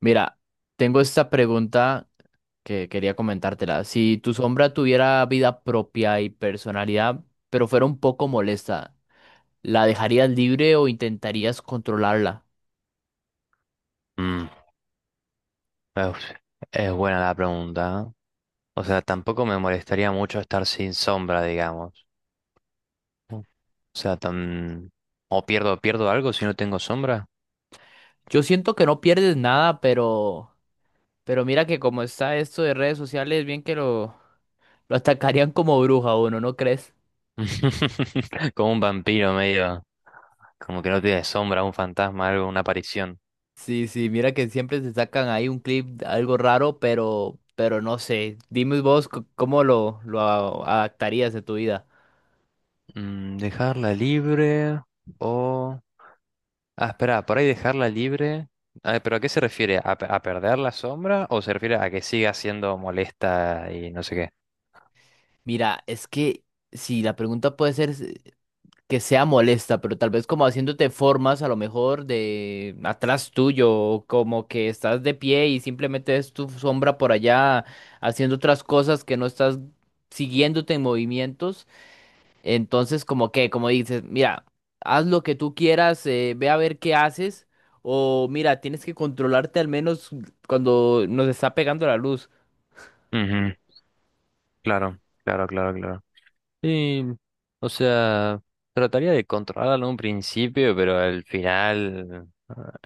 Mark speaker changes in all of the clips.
Speaker 1: Mira, tengo esta pregunta que quería comentártela. Si tu sombra tuviera vida propia y personalidad, pero fuera un poco molesta, ¿la dejarías libre o intentarías controlarla?
Speaker 2: Mm, uf, es buena la pregunta. ¿Eh? O sea, tampoco me molestaría mucho estar sin sombra, digamos. O sea, tan... O pierdo algo si no tengo sombra.
Speaker 1: Yo siento que no pierdes nada, pero mira que como está esto de redes sociales, bien que lo atacarían como bruja a uno, ¿no crees?
Speaker 2: Como un vampiro medio. Como que no tiene sombra, un fantasma, algo, una aparición.
Speaker 1: Sí, sí, mira que siempre se sacan ahí un clip, algo raro, pero no sé. Dime vos cómo lo adaptarías de tu vida.
Speaker 2: Mm, dejarla libre o... Ah, espera, por ahí dejarla libre. Ah, ¿pero a qué se refiere? ¿A, pe- a perder la sombra o se refiere a que siga siendo molesta y no sé qué?
Speaker 1: Mira, es que si la pregunta puede ser que sea molesta, pero tal vez como haciéndote formas a lo mejor de atrás tuyo, o como que estás de pie y simplemente es tu sombra por allá haciendo otras cosas que no estás siguiéndote en movimientos, entonces como que, como dices, mira, haz lo que tú quieras, ve a ver qué haces, o mira, tienes que controlarte al menos cuando nos está pegando la luz.
Speaker 2: Ujú, claro, claro, claro, claro. Sí, o sea, trataría de controlarlo en un principio, pero al final,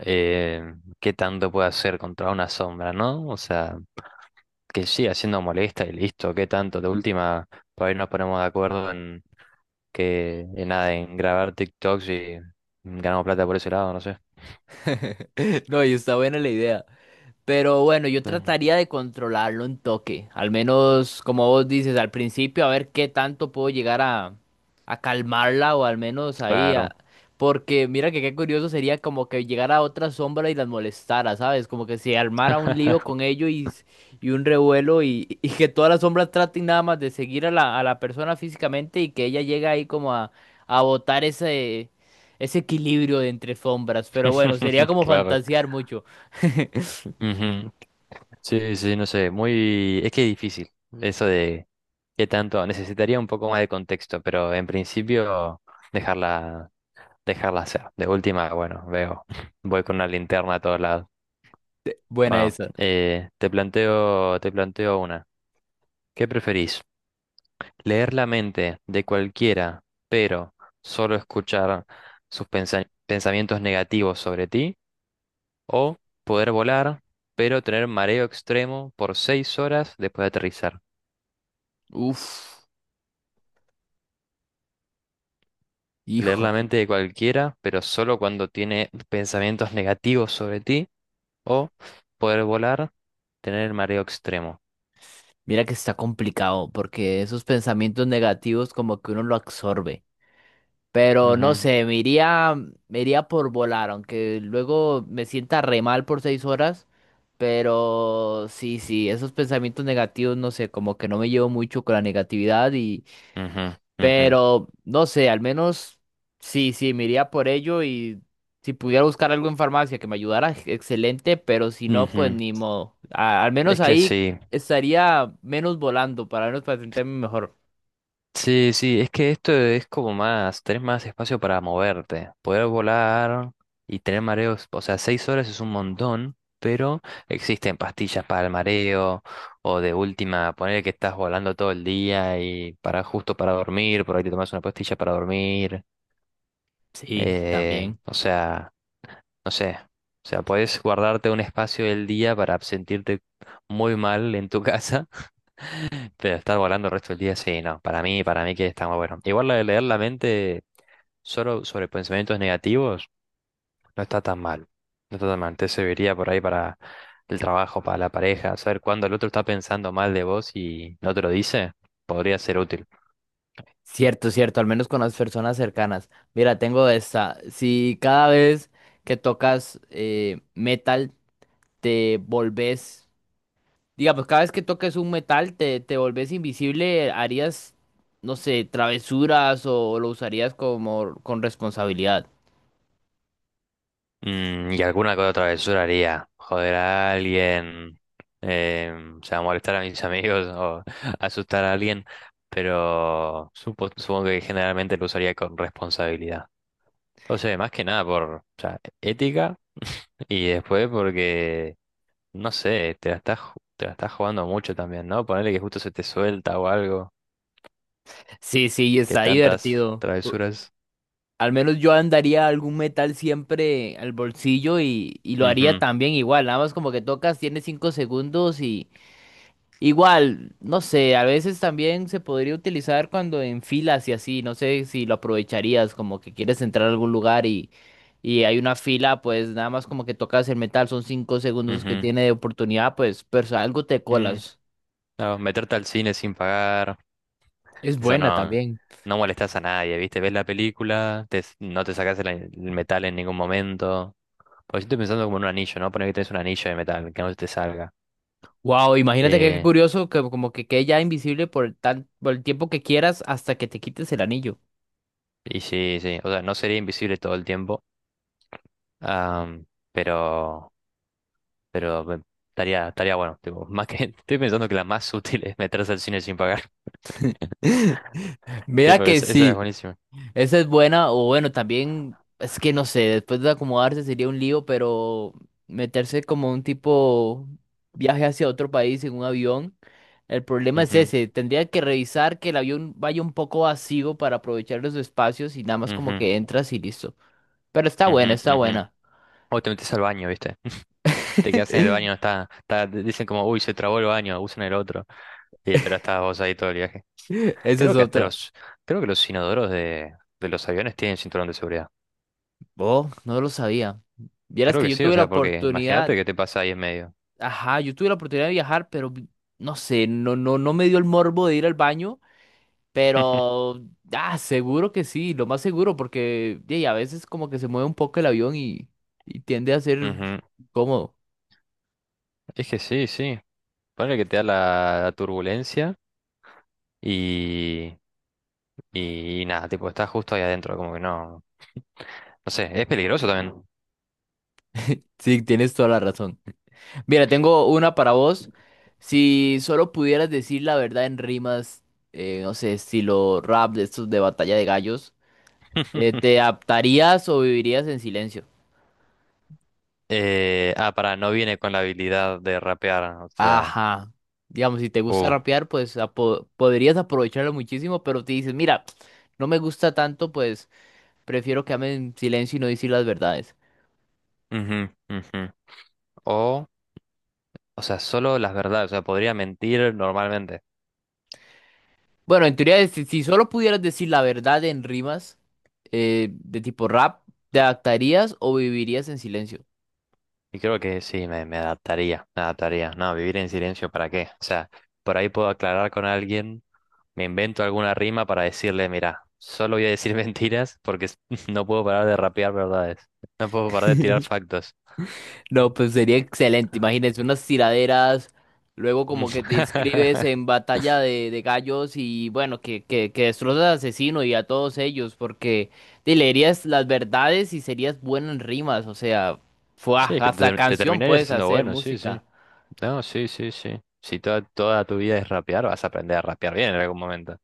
Speaker 2: eh, ¿qué tanto puede hacer contra una sombra, no? O sea, que siga siendo molesta y listo, ¿qué tanto? De última, por ahí nos ponemos de acuerdo en que, en nada, en grabar TikToks y ganamos plata por ese lado, no sé.
Speaker 1: No, y está buena la idea. Pero bueno, yo
Speaker 2: Eh,
Speaker 1: trataría de controlarlo un toque. Al menos, como vos dices, al principio, a ver qué tanto puedo llegar a calmarla o al menos ahí.
Speaker 2: Claro.
Speaker 1: Porque mira que qué curioso sería como que llegara otra sombra y las molestara, ¿sabes? Como que se armara un lío con ello y y un revuelo y que todas las sombras traten nada más de seguir a a la persona físicamente y que ella llegue ahí como a botar ese equilibrio de entre sombras. Pero bueno, sería como
Speaker 2: Claro.
Speaker 1: fantasear mucho.
Speaker 2: Ujú. Sí, sí, no sé, Es que es difícil eso de qué tanto... Necesitaría un poco más de contexto, pero en principio dejarla, dejarla hacer. De última, bueno, voy con una linterna a todos lados.
Speaker 1: Buena
Speaker 2: Bueno,
Speaker 1: esa.
Speaker 2: te planteo una. ¿Qué preferís? Leer la mente de cualquiera, pero solo escuchar sus pensamientos negativos sobre ti. O poder volar, pero tener mareo extremo por 6 horas después de aterrizar.
Speaker 1: Uf,
Speaker 2: Leer la
Speaker 1: hijo,
Speaker 2: mente de cualquiera, pero solo cuando tiene pensamientos negativos sobre ti. O poder volar, tener mareo extremo.
Speaker 1: mira que está complicado porque esos pensamientos negativos como que uno lo absorbe. Pero no
Speaker 2: Ujú,
Speaker 1: sé, me iría por volar, aunque luego me sienta re mal por 6 horas. Pero sí, sí, esos pensamientos negativos, no sé, como que no me llevo mucho con la negatividad
Speaker 2: ujú, ujú,
Speaker 1: pero no sé, al menos sí, sí, me iría por ello y si pudiera buscar algo en farmacia que me ayudara, excelente, pero si no, pues
Speaker 2: ujú.
Speaker 1: ni modo. Al menos
Speaker 2: Es que
Speaker 1: ahí
Speaker 2: sí.
Speaker 1: sí estaría menos volando, para al menos para sentirme mejor.
Speaker 2: Sí, sí, es que esto es como más, tenés más espacio para moverte, poder volar y tener mareos, o sea, 6 horas es un montón, pero existen pastillas para el mareo, o de última, poner que estás volando todo el día y para justo para dormir, por ahí te tomas una pastilla para dormir,
Speaker 1: Sí, también.
Speaker 2: o sea, no sé, o sea, puedes guardarte un espacio del día para sentirte muy mal en tu casa pero estar volando el resto del día, sí, no. Para mí que está muy bueno. Igual lo de leer la mente solo sobre pensamientos negativos no está tan mal. No está tan mal. Te serviría por ahí para el trabajo, para la pareja. Saber cuándo el otro está pensando mal de vos y no te lo dice, podría ser útil.
Speaker 1: Cierto, cierto, al menos con las personas cercanas. Mira, tengo esta. Si cada vez que tocas metal te volvés, digamos, cada vez que toques un metal, te volvés invisible, harías, no sé, travesuras o lo usarías como con responsabilidad.
Speaker 2: Mm, y alguna que otra travesura haría. Joder a alguien, o sea, molestar a mis amigos o asustar a alguien. Pero supongo que generalmente lo usaría con responsabilidad. O sea, más que nada por, o sea, ética y después porque, no sé, te la estás jugando mucho también, ¿no? Ponerle que justo se te suelta o algo,
Speaker 1: Sí, sí,
Speaker 2: que
Speaker 1: está
Speaker 2: tantas
Speaker 1: divertido.
Speaker 2: travesuras.
Speaker 1: Al menos yo andaría algún metal siempre al bolsillo y lo haría
Speaker 2: Ujú,
Speaker 1: también igual. Nada más como que tocas, tienes 5 segundos. Igual, no sé, a veces también se podría utilizar cuando en filas y así, no sé si lo aprovecharías, como que quieres entrar a algún lugar y hay una fila, pues nada más como que tocas el metal, son 5 segundos que
Speaker 2: ujú,
Speaker 1: tiene de oportunidad, pues, pero algo te
Speaker 2: mm.
Speaker 1: colas.
Speaker 2: No, meterte al cine sin pagar,
Speaker 1: Es
Speaker 2: eso
Speaker 1: buena
Speaker 2: no,
Speaker 1: también.
Speaker 2: no molestas a nadie, ¿viste? Ves la película, no te sacas el metal en ningún momento. Pues yo estoy pensando como en un anillo, ¿no? Poner que tenés un anillo de metal, que no se te salga.
Speaker 1: Wow, imagínate que qué
Speaker 2: Eh,
Speaker 1: curioso que como que quede ya invisible por el tan, por el tiempo que quieras hasta que te quites el anillo.
Speaker 2: y sí, sí, o sea, no sería invisible todo el tiempo. Am, pero, pero estaría bueno. Tipo, más que, estoy pensando que la más útil es meterse al cine sin pagar.
Speaker 1: Mira
Speaker 2: Tipo,
Speaker 1: que
Speaker 2: esa es
Speaker 1: sí.
Speaker 2: buenísima.
Speaker 1: Esa es buena, o bueno, también es que no sé, después de acomodarse sería un lío, pero meterse como un tipo viaje hacia otro país en un avión, el problema es
Speaker 2: Ujú,
Speaker 1: ese, tendría que revisar que el avión vaya un poco vacío para aprovechar los espacios y nada más como
Speaker 2: ujú,
Speaker 1: que entras y listo. Pero está buena, está
Speaker 2: ujú, ujú.
Speaker 1: buena.
Speaker 2: O te metes al baño, ¿viste? Te quedas en el baño, está, dicen como, uy, se trabó el baño, usan el otro. Y, pero estás vos ahí todo el viaje.
Speaker 1: Esa
Speaker 2: Creo
Speaker 1: es
Speaker 2: que hasta
Speaker 1: otra.
Speaker 2: los, creo que los inodoros de los aviones tienen cinturón de seguridad.
Speaker 1: Oh, no lo sabía. Vieras
Speaker 2: Creo
Speaker 1: que
Speaker 2: que
Speaker 1: yo
Speaker 2: sí, o
Speaker 1: tuve la
Speaker 2: sea, porque imagínate
Speaker 1: oportunidad,
Speaker 2: qué te pasa ahí en medio.
Speaker 1: ajá, yo tuve la oportunidad de viajar, pero no sé, no me dio el morbo de ir al baño. Pero, ah, seguro que sí, lo más seguro, porque y a veces como que se mueve un poco el avión y tiende a
Speaker 2: Ujú.
Speaker 1: ser
Speaker 2: Ujú.
Speaker 1: cómodo.
Speaker 2: Es que sí, sí. Ponle que te da la turbulencia y, y nada, tipo, estás justo ahí adentro, como que no. No sé, es peligroso también.
Speaker 1: Sí, tienes toda la razón. Mira, tengo una para vos. Si solo pudieras decir la verdad en rimas, no sé, estilo rap de estos de batalla de gallos, ¿te adaptarías o vivirías en silencio?
Speaker 2: Para, no viene con la habilidad de rapear, o sea.
Speaker 1: Ajá. Digamos, si te gusta
Speaker 2: Uh,
Speaker 1: rapear, pues podrías aprovecharlo muchísimo, pero te dices, mira, no me gusta tanto, pues... Prefiero quedarme en silencio y no decir las verdades.
Speaker 2: ujú, ujú. O, o sea, solo las verdades, o sea, podría mentir normalmente.
Speaker 1: Bueno, en teoría, si solo pudieras decir la verdad en rimas de tipo rap, ¿te adaptarías o vivirías en silencio?
Speaker 2: Y creo que sí, me adaptaría. No, vivir en silencio, ¿para qué? O sea, por ahí puedo aclarar con alguien, me invento alguna rima para decirle, mira, solo voy a decir mentiras porque no puedo parar de rapear verdades, no puedo parar de tirar factos.
Speaker 1: No, pues sería excelente. Imagínense unas tiraderas, luego
Speaker 2: Mm.
Speaker 1: como que te inscribes en batalla de gallos y bueno, que destrozas al asesino y a todos ellos, porque te leerías las verdades y serías bueno en rimas, o sea, fuah,
Speaker 2: Sí, es que
Speaker 1: hasta
Speaker 2: te
Speaker 1: canción
Speaker 2: terminarías
Speaker 1: puedes
Speaker 2: siendo
Speaker 1: hacer,
Speaker 2: bueno, sí, sí.
Speaker 1: música.
Speaker 2: No, sí, sí, sí. Si toda tu vida es rapear, vas a aprender a rapear bien en algún momento.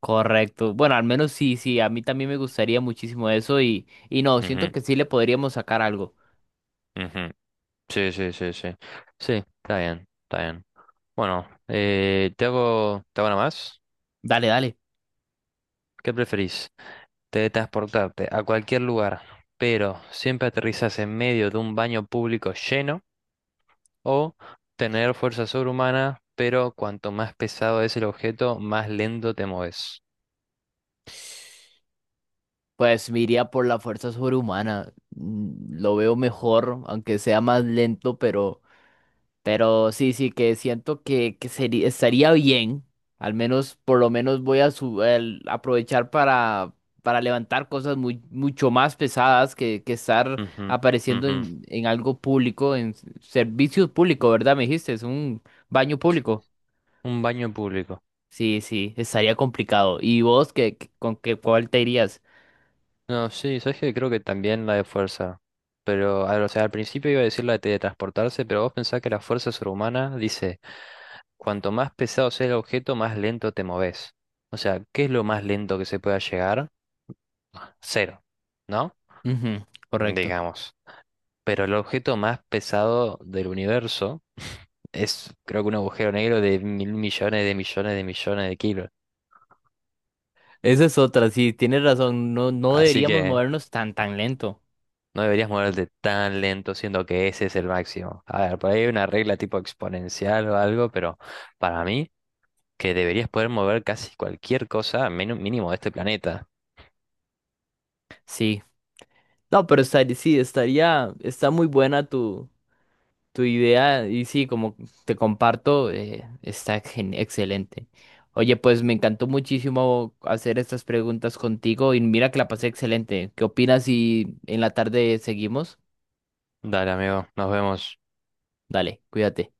Speaker 1: Correcto. Bueno, al menos sí, sí, a mí también me gustaría muchísimo eso y no, siento
Speaker 2: Ujú,
Speaker 1: que sí le podríamos sacar algo.
Speaker 2: ujú. Sí, sí, sí, sí. Sí, está bien, está bien. Bueno, te hago una más.
Speaker 1: Dale, dale.
Speaker 2: ¿Qué preferís? Teletransportarte a cualquier lugar, pero siempre aterrizas en medio de un baño público lleno, o tener fuerza sobrehumana, pero cuanto más pesado es el objeto, más lento te mueves.
Speaker 1: Pues me iría por la fuerza sobrehumana. Mm, lo veo mejor, aunque sea más lento, pero... Pero sí, sí, que siento que sería, estaría bien. Al menos, por lo menos voy a aprovechar para levantar cosas muy, mucho más pesadas que estar
Speaker 2: Ujú,
Speaker 1: apareciendo
Speaker 2: ujú.
Speaker 1: en algo público, en servicios públicos, ¿verdad? Me dijiste, es un baño público.
Speaker 2: Un baño público.
Speaker 1: Sí, sí, estaría complicado. ¿Y vos qué, con qué, cuál te irías?
Speaker 2: No, sí, sabes que creo que también la de fuerza. Pero, a ver, o sea, al principio iba a decir la de teletransportarse, pero vos pensás que la fuerza sobrehumana dice. Cuanto más pesado sea el objeto, más lento te moves. O sea, ¿qué es lo más lento que se pueda llegar? Cero, ¿no?
Speaker 1: Ujú, correcto.
Speaker 2: Digamos. Pero el objeto más pesado del universo es, creo que un agujero negro de mil millones de millones de millones de kilos.
Speaker 1: Esa es otra, sí, tienes razón. No, no
Speaker 2: Así
Speaker 1: deberíamos
Speaker 2: que
Speaker 1: movernos tan, tan lento.
Speaker 2: no deberías moverte tan lento, siendo que ese es el máximo. A ver, por ahí hay una regla tipo exponencial o algo, pero para mí, que deberías poder mover casi cualquier cosa, mínimo de este planeta.
Speaker 1: Sí. No, pero estaría, sí, estaría, está muy buena tu idea y sí, como te comparto, está excelente. Oye, pues me encantó muchísimo hacer estas preguntas contigo y mira que la pasé excelente. ¿Qué opinas si en la tarde seguimos?
Speaker 2: Dale, amigo, nos vemos.
Speaker 1: Dale, cuídate.